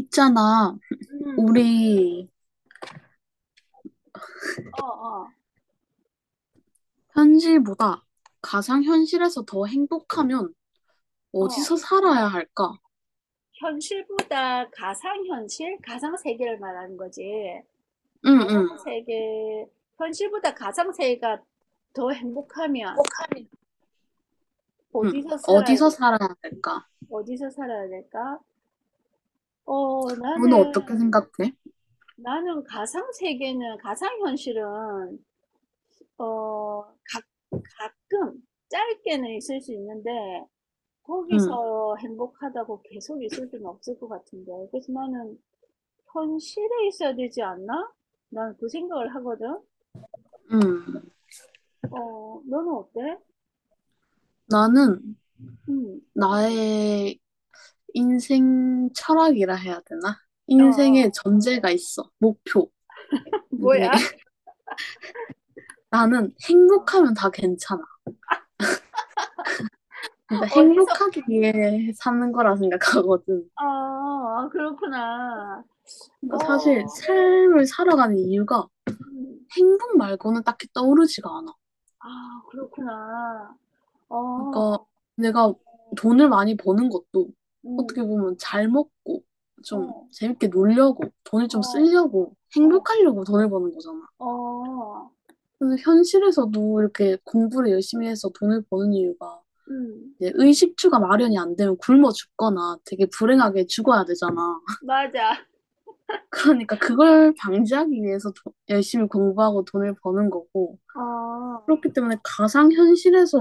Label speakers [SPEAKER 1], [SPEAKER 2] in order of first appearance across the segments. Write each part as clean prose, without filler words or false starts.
[SPEAKER 1] 있잖아,
[SPEAKER 2] 음,
[SPEAKER 1] 우리
[SPEAKER 2] 어, 어,
[SPEAKER 1] 현실보다 가상현실에서 더 행복하면
[SPEAKER 2] 어.
[SPEAKER 1] 어디서 살아야 할까?
[SPEAKER 2] 현실보다 가상현실? 가상세계를 말하는 거지.
[SPEAKER 1] 응, 응,
[SPEAKER 2] 가상세계, 현실보다 가상세계가 더 행복하면
[SPEAKER 1] 행복하면. 응.
[SPEAKER 2] 어디서 살아야
[SPEAKER 1] 어디서
[SPEAKER 2] 돼?
[SPEAKER 1] 살아야 할까?
[SPEAKER 2] 어디서 살아야 될까? 어,
[SPEAKER 1] 너는 어떻게
[SPEAKER 2] 나는,
[SPEAKER 1] 생각해?
[SPEAKER 2] 나는 가상세계는, 가상현실은, 어, 가, 가끔, 짧게는 있을 수 있는데,
[SPEAKER 1] 응,
[SPEAKER 2] 거기서 행복하다고 계속 있을 수는 없을 것 같은데. 그래서 나는 현실에 있어야 되지 않나? 난 그 생각을 하거든.
[SPEAKER 1] 응.
[SPEAKER 2] 너는 어때?
[SPEAKER 1] 나는
[SPEAKER 2] 음,
[SPEAKER 1] 나의 인생 철학이라 해야 되나?
[SPEAKER 2] 어,
[SPEAKER 1] 인생의
[SPEAKER 2] 어.
[SPEAKER 1] 전제가 있어. 목표. 이게
[SPEAKER 2] 뭐야?
[SPEAKER 1] 나는 행복하면 다 괜찮아. 진짜
[SPEAKER 2] 어디서?
[SPEAKER 1] 행복하기 위해 사는 거라 생각하거든.
[SPEAKER 2] 어, 어, 그렇구나.
[SPEAKER 1] 그러니까 사실
[SPEAKER 2] 어,
[SPEAKER 1] 삶을 살아가는 이유가
[SPEAKER 2] 음,
[SPEAKER 1] 행복 말고는 딱히 떠오르지가 않아.
[SPEAKER 2] 아, 그렇구나. 어,
[SPEAKER 1] 그러니까
[SPEAKER 2] 어,
[SPEAKER 1] 내가 돈을 많이 버는 것도 어떻게
[SPEAKER 2] 음,
[SPEAKER 1] 보면 잘 먹고 좀
[SPEAKER 2] 어,
[SPEAKER 1] 재밌게 놀려고 돈을 좀
[SPEAKER 2] 어,
[SPEAKER 1] 쓰려고
[SPEAKER 2] 어,
[SPEAKER 1] 행복하려고 돈을 버는 거잖아.
[SPEAKER 2] 어,
[SPEAKER 1] 그래서 현실에서도 이렇게 공부를 열심히 해서 돈을 버는 이유가
[SPEAKER 2] 음,
[SPEAKER 1] 이제 의식주가 마련이 안 되면 굶어 죽거나 되게 불행하게 죽어야 되잖아.
[SPEAKER 2] 맞아.
[SPEAKER 1] 그러니까 그걸 방지하기 위해서 열심히 공부하고 돈을 버는 거고,
[SPEAKER 2] 어,
[SPEAKER 1] 그렇기 때문에 가상현실에서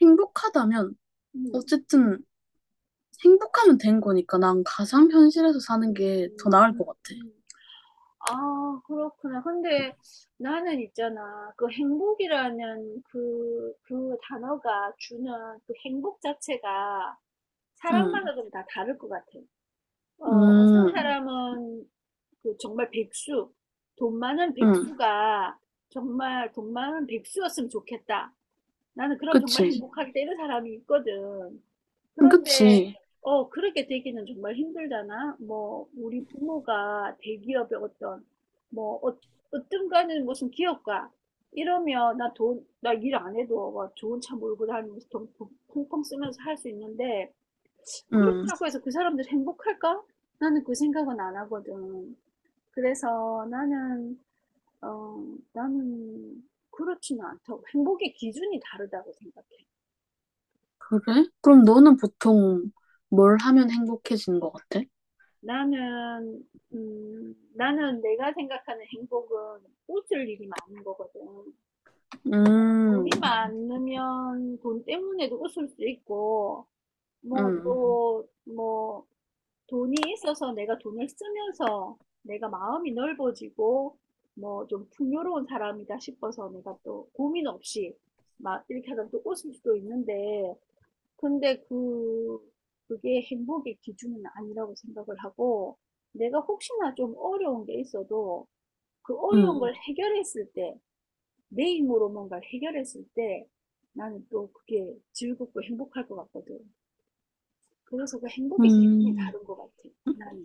[SPEAKER 1] 행복하다면
[SPEAKER 2] 음,
[SPEAKER 1] 어쨌든 행복하면 된 거니까 난 가상 현실에서 사는 게 더 나을 것 같아.
[SPEAKER 2] 음. 아, 그렇구나. 근데 나는 있잖아. 그 행복이라는 그 단어가 주는 그 행복 자체가
[SPEAKER 1] 응,
[SPEAKER 2] 사람마다 좀 다 다를 것 같아. 어, 어떤
[SPEAKER 1] 음,
[SPEAKER 2] 사람은 그 정말 백수, 돈 많은
[SPEAKER 1] 응,
[SPEAKER 2] 백수가 정말 돈 많은 백수였으면 좋겠다. 나는 그럼 정말
[SPEAKER 1] 그치,
[SPEAKER 2] 행복하겠다 이런 사람이 있거든. 그런데
[SPEAKER 1] 그치,
[SPEAKER 2] 그렇지. 그렇게 되기는 정말 힘들잖아. 뭐 우리 부모가 대기업의 어떤 뭐 어떤 거는 무슨 기업가 이러면 나 일 안 해도 막 좋은 차 몰고 다니면서 돈 펑펑 쓰면서 할 수 있는데
[SPEAKER 1] 응,
[SPEAKER 2] 그렇다고 해서 그 사람들 행복할까? 나는 그 생각은 안 하거든. 그래서 어 나는 그렇지는 않다고 행복의 기준이 다르다고 생각해.
[SPEAKER 1] 그래? 그럼 너는 보통 뭘 하면 행복해지는 것 같아?
[SPEAKER 2] 나는 나는 내가 생각하는 행복은 웃을 일이 많은 거거든.
[SPEAKER 1] 음,
[SPEAKER 2] 돈이 많으면 돈 때문에도 웃을 수 있고 뭐
[SPEAKER 1] 음,
[SPEAKER 2] 또 뭐 돈이 있어서 내가 돈을 쓰면서 내가 마음이 넓어지고 뭐 좀 풍요로운 사람이다 싶어서 내가 또 고민 없이 막 이렇게 하다 또 웃을 수도 있는데 근데 그 그게 행복의 기준은 아니라고 생각을 하고 내가 혹시나 좀 어려운 게 있어도 그 어려운
[SPEAKER 1] 음,
[SPEAKER 2] 걸 해결했을 때, 내 힘으로 뭔가를 해결했을 때 나는 또 그게 즐겁고 행복할 것 같거든. 그래서 그 행복의 기준이
[SPEAKER 1] 음,
[SPEAKER 2] 다른 것 같아, 나는.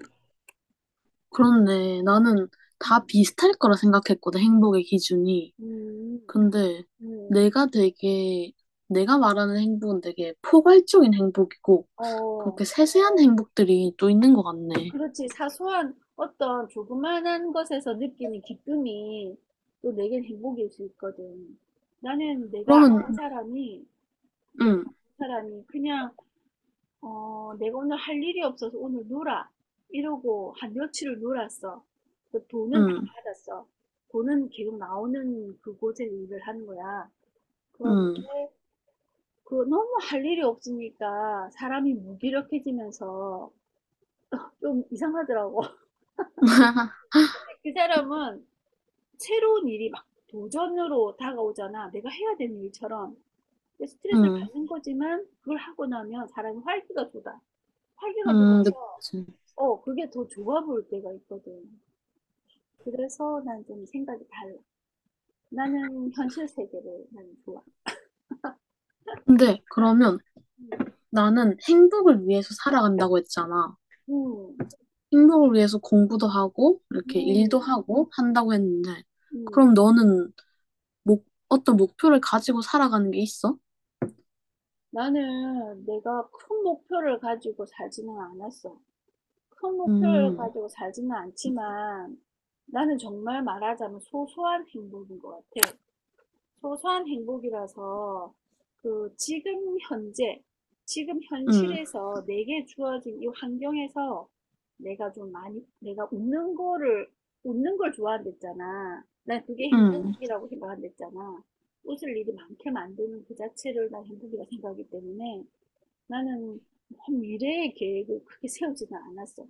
[SPEAKER 1] 그렇네. 나는 다
[SPEAKER 2] 음,
[SPEAKER 1] 비슷할 거라 생각했거든, 행복의 기준이.
[SPEAKER 2] 음,
[SPEAKER 1] 근데
[SPEAKER 2] 음,
[SPEAKER 1] 내가 되게, 내가 말하는 행복은 되게 포괄적인 행복이고,
[SPEAKER 2] 어.
[SPEAKER 1] 그렇게 세세한 행복들이 또 있는 것 같네.
[SPEAKER 2] 그렇지. 사소한 어떤 조그만한 것에서 느끼는 기쁨이 또 내겐 행복일 수 있거든. 나는 내가
[SPEAKER 1] 그러면,
[SPEAKER 2] 아는 사람이, 내가 아는
[SPEAKER 1] 응,
[SPEAKER 2] 사람이 그냥, 내가 오늘 할 일이 없어서 오늘 놀아. 이러고 한 며칠을 놀았어. 그 돈은 다
[SPEAKER 1] 응,
[SPEAKER 2] 받았어. 돈은 계속 나오는 그곳에 일을 하는 거야. 그런데
[SPEAKER 1] 응,
[SPEAKER 2] 그 너무 할 일이 없으니까 사람이 무기력해지면서 좀 이상하더라고. 그 사람은 새로운 일이 막 도전으로 다가오잖아. 내가 해야 되는 일처럼. 근데 스트레스를
[SPEAKER 1] 응,
[SPEAKER 2] 받는 거지만 그걸 하고 나면 사람이 활기가 돋아. 활기가
[SPEAKER 1] 응,
[SPEAKER 2] 돌아서
[SPEAKER 1] 그치.
[SPEAKER 2] 그게 더 좋아 보일 때가 있거든. 그래서 난 좀 생각이 달라. 나는 현실 세계를 나는 좋아.
[SPEAKER 1] 근데 그러면
[SPEAKER 2] 음,
[SPEAKER 1] 나는 행복을 위해서 살아간다고 했잖아.
[SPEAKER 2] 음,
[SPEAKER 1] 행복을 위해서 공부도 하고, 이렇게 일도
[SPEAKER 2] 음,
[SPEAKER 1] 하고 한다고
[SPEAKER 2] 음.
[SPEAKER 1] 했는데,
[SPEAKER 2] 음.
[SPEAKER 1] 그럼 너는 어떤 목표를 가지고 살아가는 게 있어?
[SPEAKER 2] 나는 내가 큰 목표를 가지고 살지는 않았어. 큰 목표를
[SPEAKER 1] 음,
[SPEAKER 2] 가지고 살지는 않지만 나는 정말 말하자면 소소한 행복인 것 같아. 소소한 행복이라서 그 지금 현재, 지금
[SPEAKER 1] 음,
[SPEAKER 2] 현실에서 내게 주어진 이 환경에서 내가 좀 많이, 내가 웃는 거를, 웃는 걸 좋아한댔잖아. 난 그게
[SPEAKER 1] 음.
[SPEAKER 2] 행복이라고 생각한댔잖아. 웃을 일이 많게 만드는 그 자체를 난 행복이라 생각하기 때문에 나는 뭐 미래의 계획을 크게 세우지는 않았어.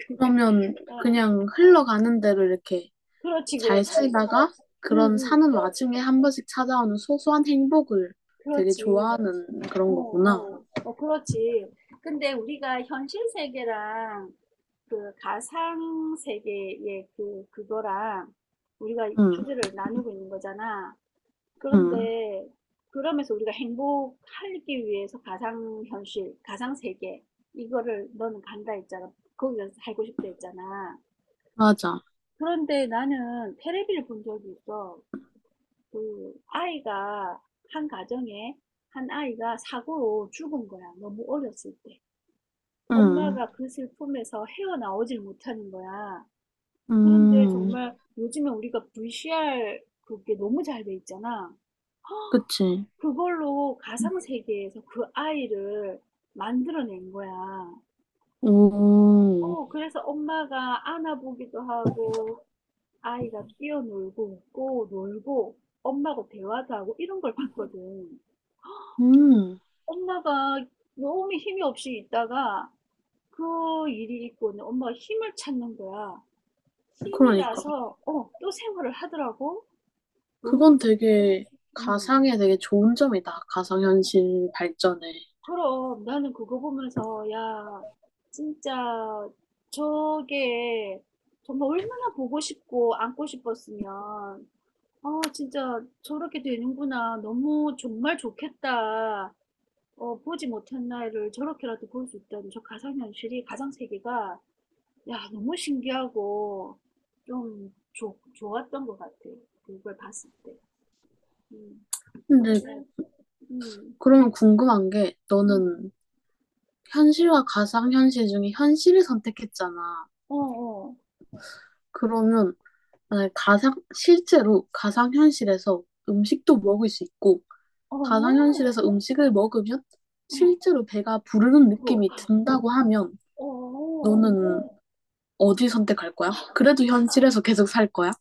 [SPEAKER 2] 그냥
[SPEAKER 1] 그러면
[SPEAKER 2] 아,
[SPEAKER 1] 그냥 흘러가는 대로 이렇게
[SPEAKER 2] 그렇지,
[SPEAKER 1] 잘
[SPEAKER 2] 그렇지.
[SPEAKER 1] 살다가,
[SPEAKER 2] 응,
[SPEAKER 1] 그런
[SPEAKER 2] 응,
[SPEAKER 1] 사는 와중에 한 번씩 찾아오는 소소한 행복을 되게
[SPEAKER 2] 그렇지.
[SPEAKER 1] 좋아하는
[SPEAKER 2] 어,
[SPEAKER 1] 그런 거구나.
[SPEAKER 2] 어, 어, 그렇지. 근데 우리가 현실 세계랑 그 가상 세계의 그거랑 우리가
[SPEAKER 1] 응,
[SPEAKER 2] 주제를 나누고 있는 거잖아.
[SPEAKER 1] 응,
[SPEAKER 2] 그런데 그러면서 우리가 행복하기 위해서 가상 현실, 가상 세계, 이거를 너는 간다 했잖아. 거기서 살고 싶다 했잖아.
[SPEAKER 1] 맞아.
[SPEAKER 2] 그런데 나는 테레비를 본 적이 있어. 그 아이가 한 가정에 한 아이가 사고로 죽은 거야. 너무 어렸을 때.
[SPEAKER 1] 응,
[SPEAKER 2] 엄마가 그 슬픔에서 헤어나오질 못하는 거야. 그런데
[SPEAKER 1] 음,
[SPEAKER 2] 정말 요즘에 우리가 VCR 그게 너무 잘 돼 있잖아.
[SPEAKER 1] 그치.
[SPEAKER 2] 그걸로 가상 세계에서 그 아이를 만들어낸 거야.
[SPEAKER 1] 오,
[SPEAKER 2] 그래서 엄마가 안아보기도 하고, 아이가 뛰어놀고, 웃고, 놀고, 엄마하고 대화도 하고, 이런 걸 봤거든.
[SPEAKER 1] 음,
[SPEAKER 2] 엄마가 너무 힘이 없이 있다가 그 일이 있고 엄마가 힘을 찾는 거야. 힘이 맞아요.
[SPEAKER 1] 그러니까.
[SPEAKER 2] 나서 또 생활을 하더라고. 너무
[SPEAKER 1] 그건
[SPEAKER 2] 좀
[SPEAKER 1] 되게
[SPEAKER 2] 음.
[SPEAKER 1] 가상에 되게 좋은 점이다. 가상현실 발전에.
[SPEAKER 2] 그럼 나는 그거 보면서 야, 진짜 저게 정말 얼마나 보고 싶고 안고 싶었으면 아, 진짜 저렇게 되는구나. 너무 정말 좋겠다. 보지 못한 나이를 저렇게라도 볼 수 있다는 저 가상현실이, 가상세계가 야, 너무 신기하고 좀 좋 좋았던 것 같아. 그걸 봤을 때. 음, 그런데,
[SPEAKER 1] 근데
[SPEAKER 2] 그래. 음,
[SPEAKER 1] 그러면 궁금한 게
[SPEAKER 2] 음,
[SPEAKER 1] 너는 현실과 가상현실 중에 현실을 선택했잖아.
[SPEAKER 2] 어, 어,
[SPEAKER 1] 그러면 아, 실제로 가상현실에서 음식도 먹을 수 있고,
[SPEAKER 2] 어, 얼마나,
[SPEAKER 1] 가상현실에서 음식을 먹으면
[SPEAKER 2] 어,
[SPEAKER 1] 실제로 배가 부르는
[SPEAKER 2] 그거.
[SPEAKER 1] 느낌이 든다고 하면
[SPEAKER 2] 어, 어,
[SPEAKER 1] 너는 어디 선택할 거야? 그래도 현실에서 계속 살 거야?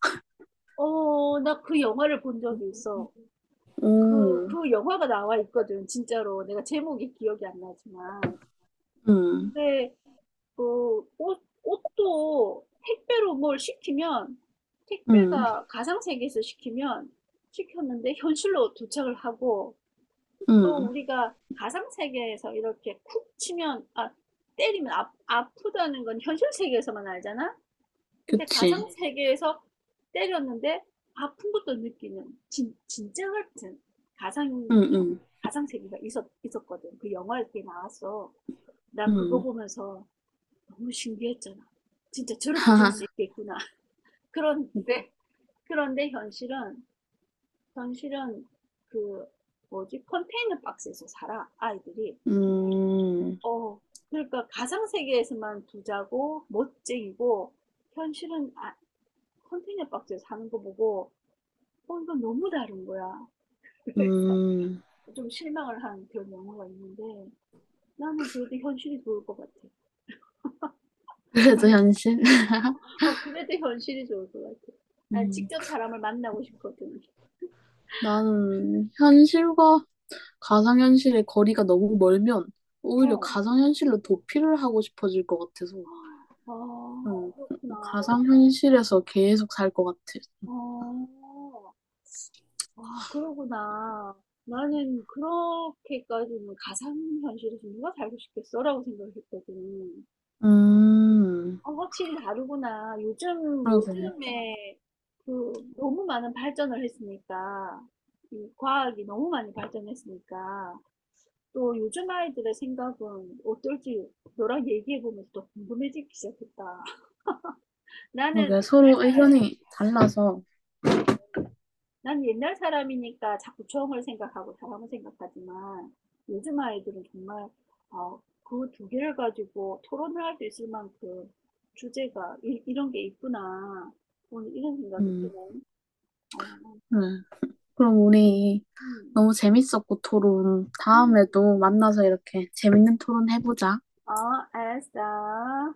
[SPEAKER 2] 어, 나 그 영화를 본 적이 있어. 그,
[SPEAKER 1] 음,
[SPEAKER 2] 그 영화가 나와 있거든, 진짜로. 내가 제목이 기억이 안 나지만.
[SPEAKER 1] 음,
[SPEAKER 2] 근데, 옷도 택배로 뭘 시키면,
[SPEAKER 1] 음,
[SPEAKER 2] 택배가 가상세계에서 시키면, 시켰는데 현실로 도착을 하고, 또
[SPEAKER 1] 음,
[SPEAKER 2] 우리가 가상 세계에서 이렇게 쿡 치면 아 때리면 아프다는 건 현실 세계에서만 알잖아. 근데
[SPEAKER 1] 그치.
[SPEAKER 2] 가상 세계에서 때렸는데 아픈 것도 느끼는 진짜 같은 가상
[SPEAKER 1] 음, 음,
[SPEAKER 2] 세계가 있었거든. 그 영화에 게 나왔어. 나 그거
[SPEAKER 1] 음.
[SPEAKER 2] 보면서 너무 신기했잖아. 진짜 저렇게 될
[SPEAKER 1] 하하,
[SPEAKER 2] 수 있겠구나. 그런 데 그런데 현실은 그 뭐지 컨테이너 박스에서 살아 아이들이.
[SPEAKER 1] 음,
[SPEAKER 2] 어. 그러니까 가상 세계에서만 부자고 멋쟁이고 현실은 아 컨테이너 박스에 사는 거 보고 '어 이건 너무 다른 거야.' 그래서
[SPEAKER 1] 음.
[SPEAKER 2] 좀 실망을 한 그런 영화가 있는데 나는 그래도 현실이 좋을 것 같아.
[SPEAKER 1] 그래도 현실?
[SPEAKER 2] 그래도 현실이 좋을 것 같아. 난
[SPEAKER 1] 음,
[SPEAKER 2] 직접 사람을 만나고 싶거든.
[SPEAKER 1] 나는 현실과 가상현실의 거리가 너무 멀면 오히려
[SPEAKER 2] 어.
[SPEAKER 1] 가상현실로 도피를 하고 싶어질 것 같아서,
[SPEAKER 2] 아,
[SPEAKER 1] 어,
[SPEAKER 2] 그렇구나.
[SPEAKER 1] 가상현실에서 계속 살 것 같아.
[SPEAKER 2] 어. 아, 그러구나. 나는 그렇게까지는 가상현실에서 누가 살고 싶겠어라고 생각했거든.
[SPEAKER 1] 음,
[SPEAKER 2] 확실히 다르구나. 요즘,
[SPEAKER 1] 그러게.
[SPEAKER 2] 요즘에 그 너무 많은 발전을 했으니까, 이 과학이 너무 많이 발전했으니까, 또 요즘 아이들의 생각은 어떨지 너랑 얘기해보면서 또 궁금해지기 시작했다. 나는
[SPEAKER 1] 그러게.
[SPEAKER 2] 옛날
[SPEAKER 1] 서로
[SPEAKER 2] 사람이
[SPEAKER 1] 의견이 달라서.
[SPEAKER 2] 난 옛날 사람이니까 자꾸 처을 생각하고 사람을 생각하지만 요즘 아이들은 정말 그 두 개를 가지고 토론을 할 수 있을 만큼 주제가 이런 게 있구나. 오늘 이런 생각이
[SPEAKER 1] 음,
[SPEAKER 2] 드네. 어,
[SPEAKER 1] 네. 그럼 우리
[SPEAKER 2] 음,
[SPEAKER 1] 너무 재밌었고 토론
[SPEAKER 2] 음.
[SPEAKER 1] 다음에도 만나서 이렇게 재밌는 토론 해보자.
[SPEAKER 2] 어, 알았어.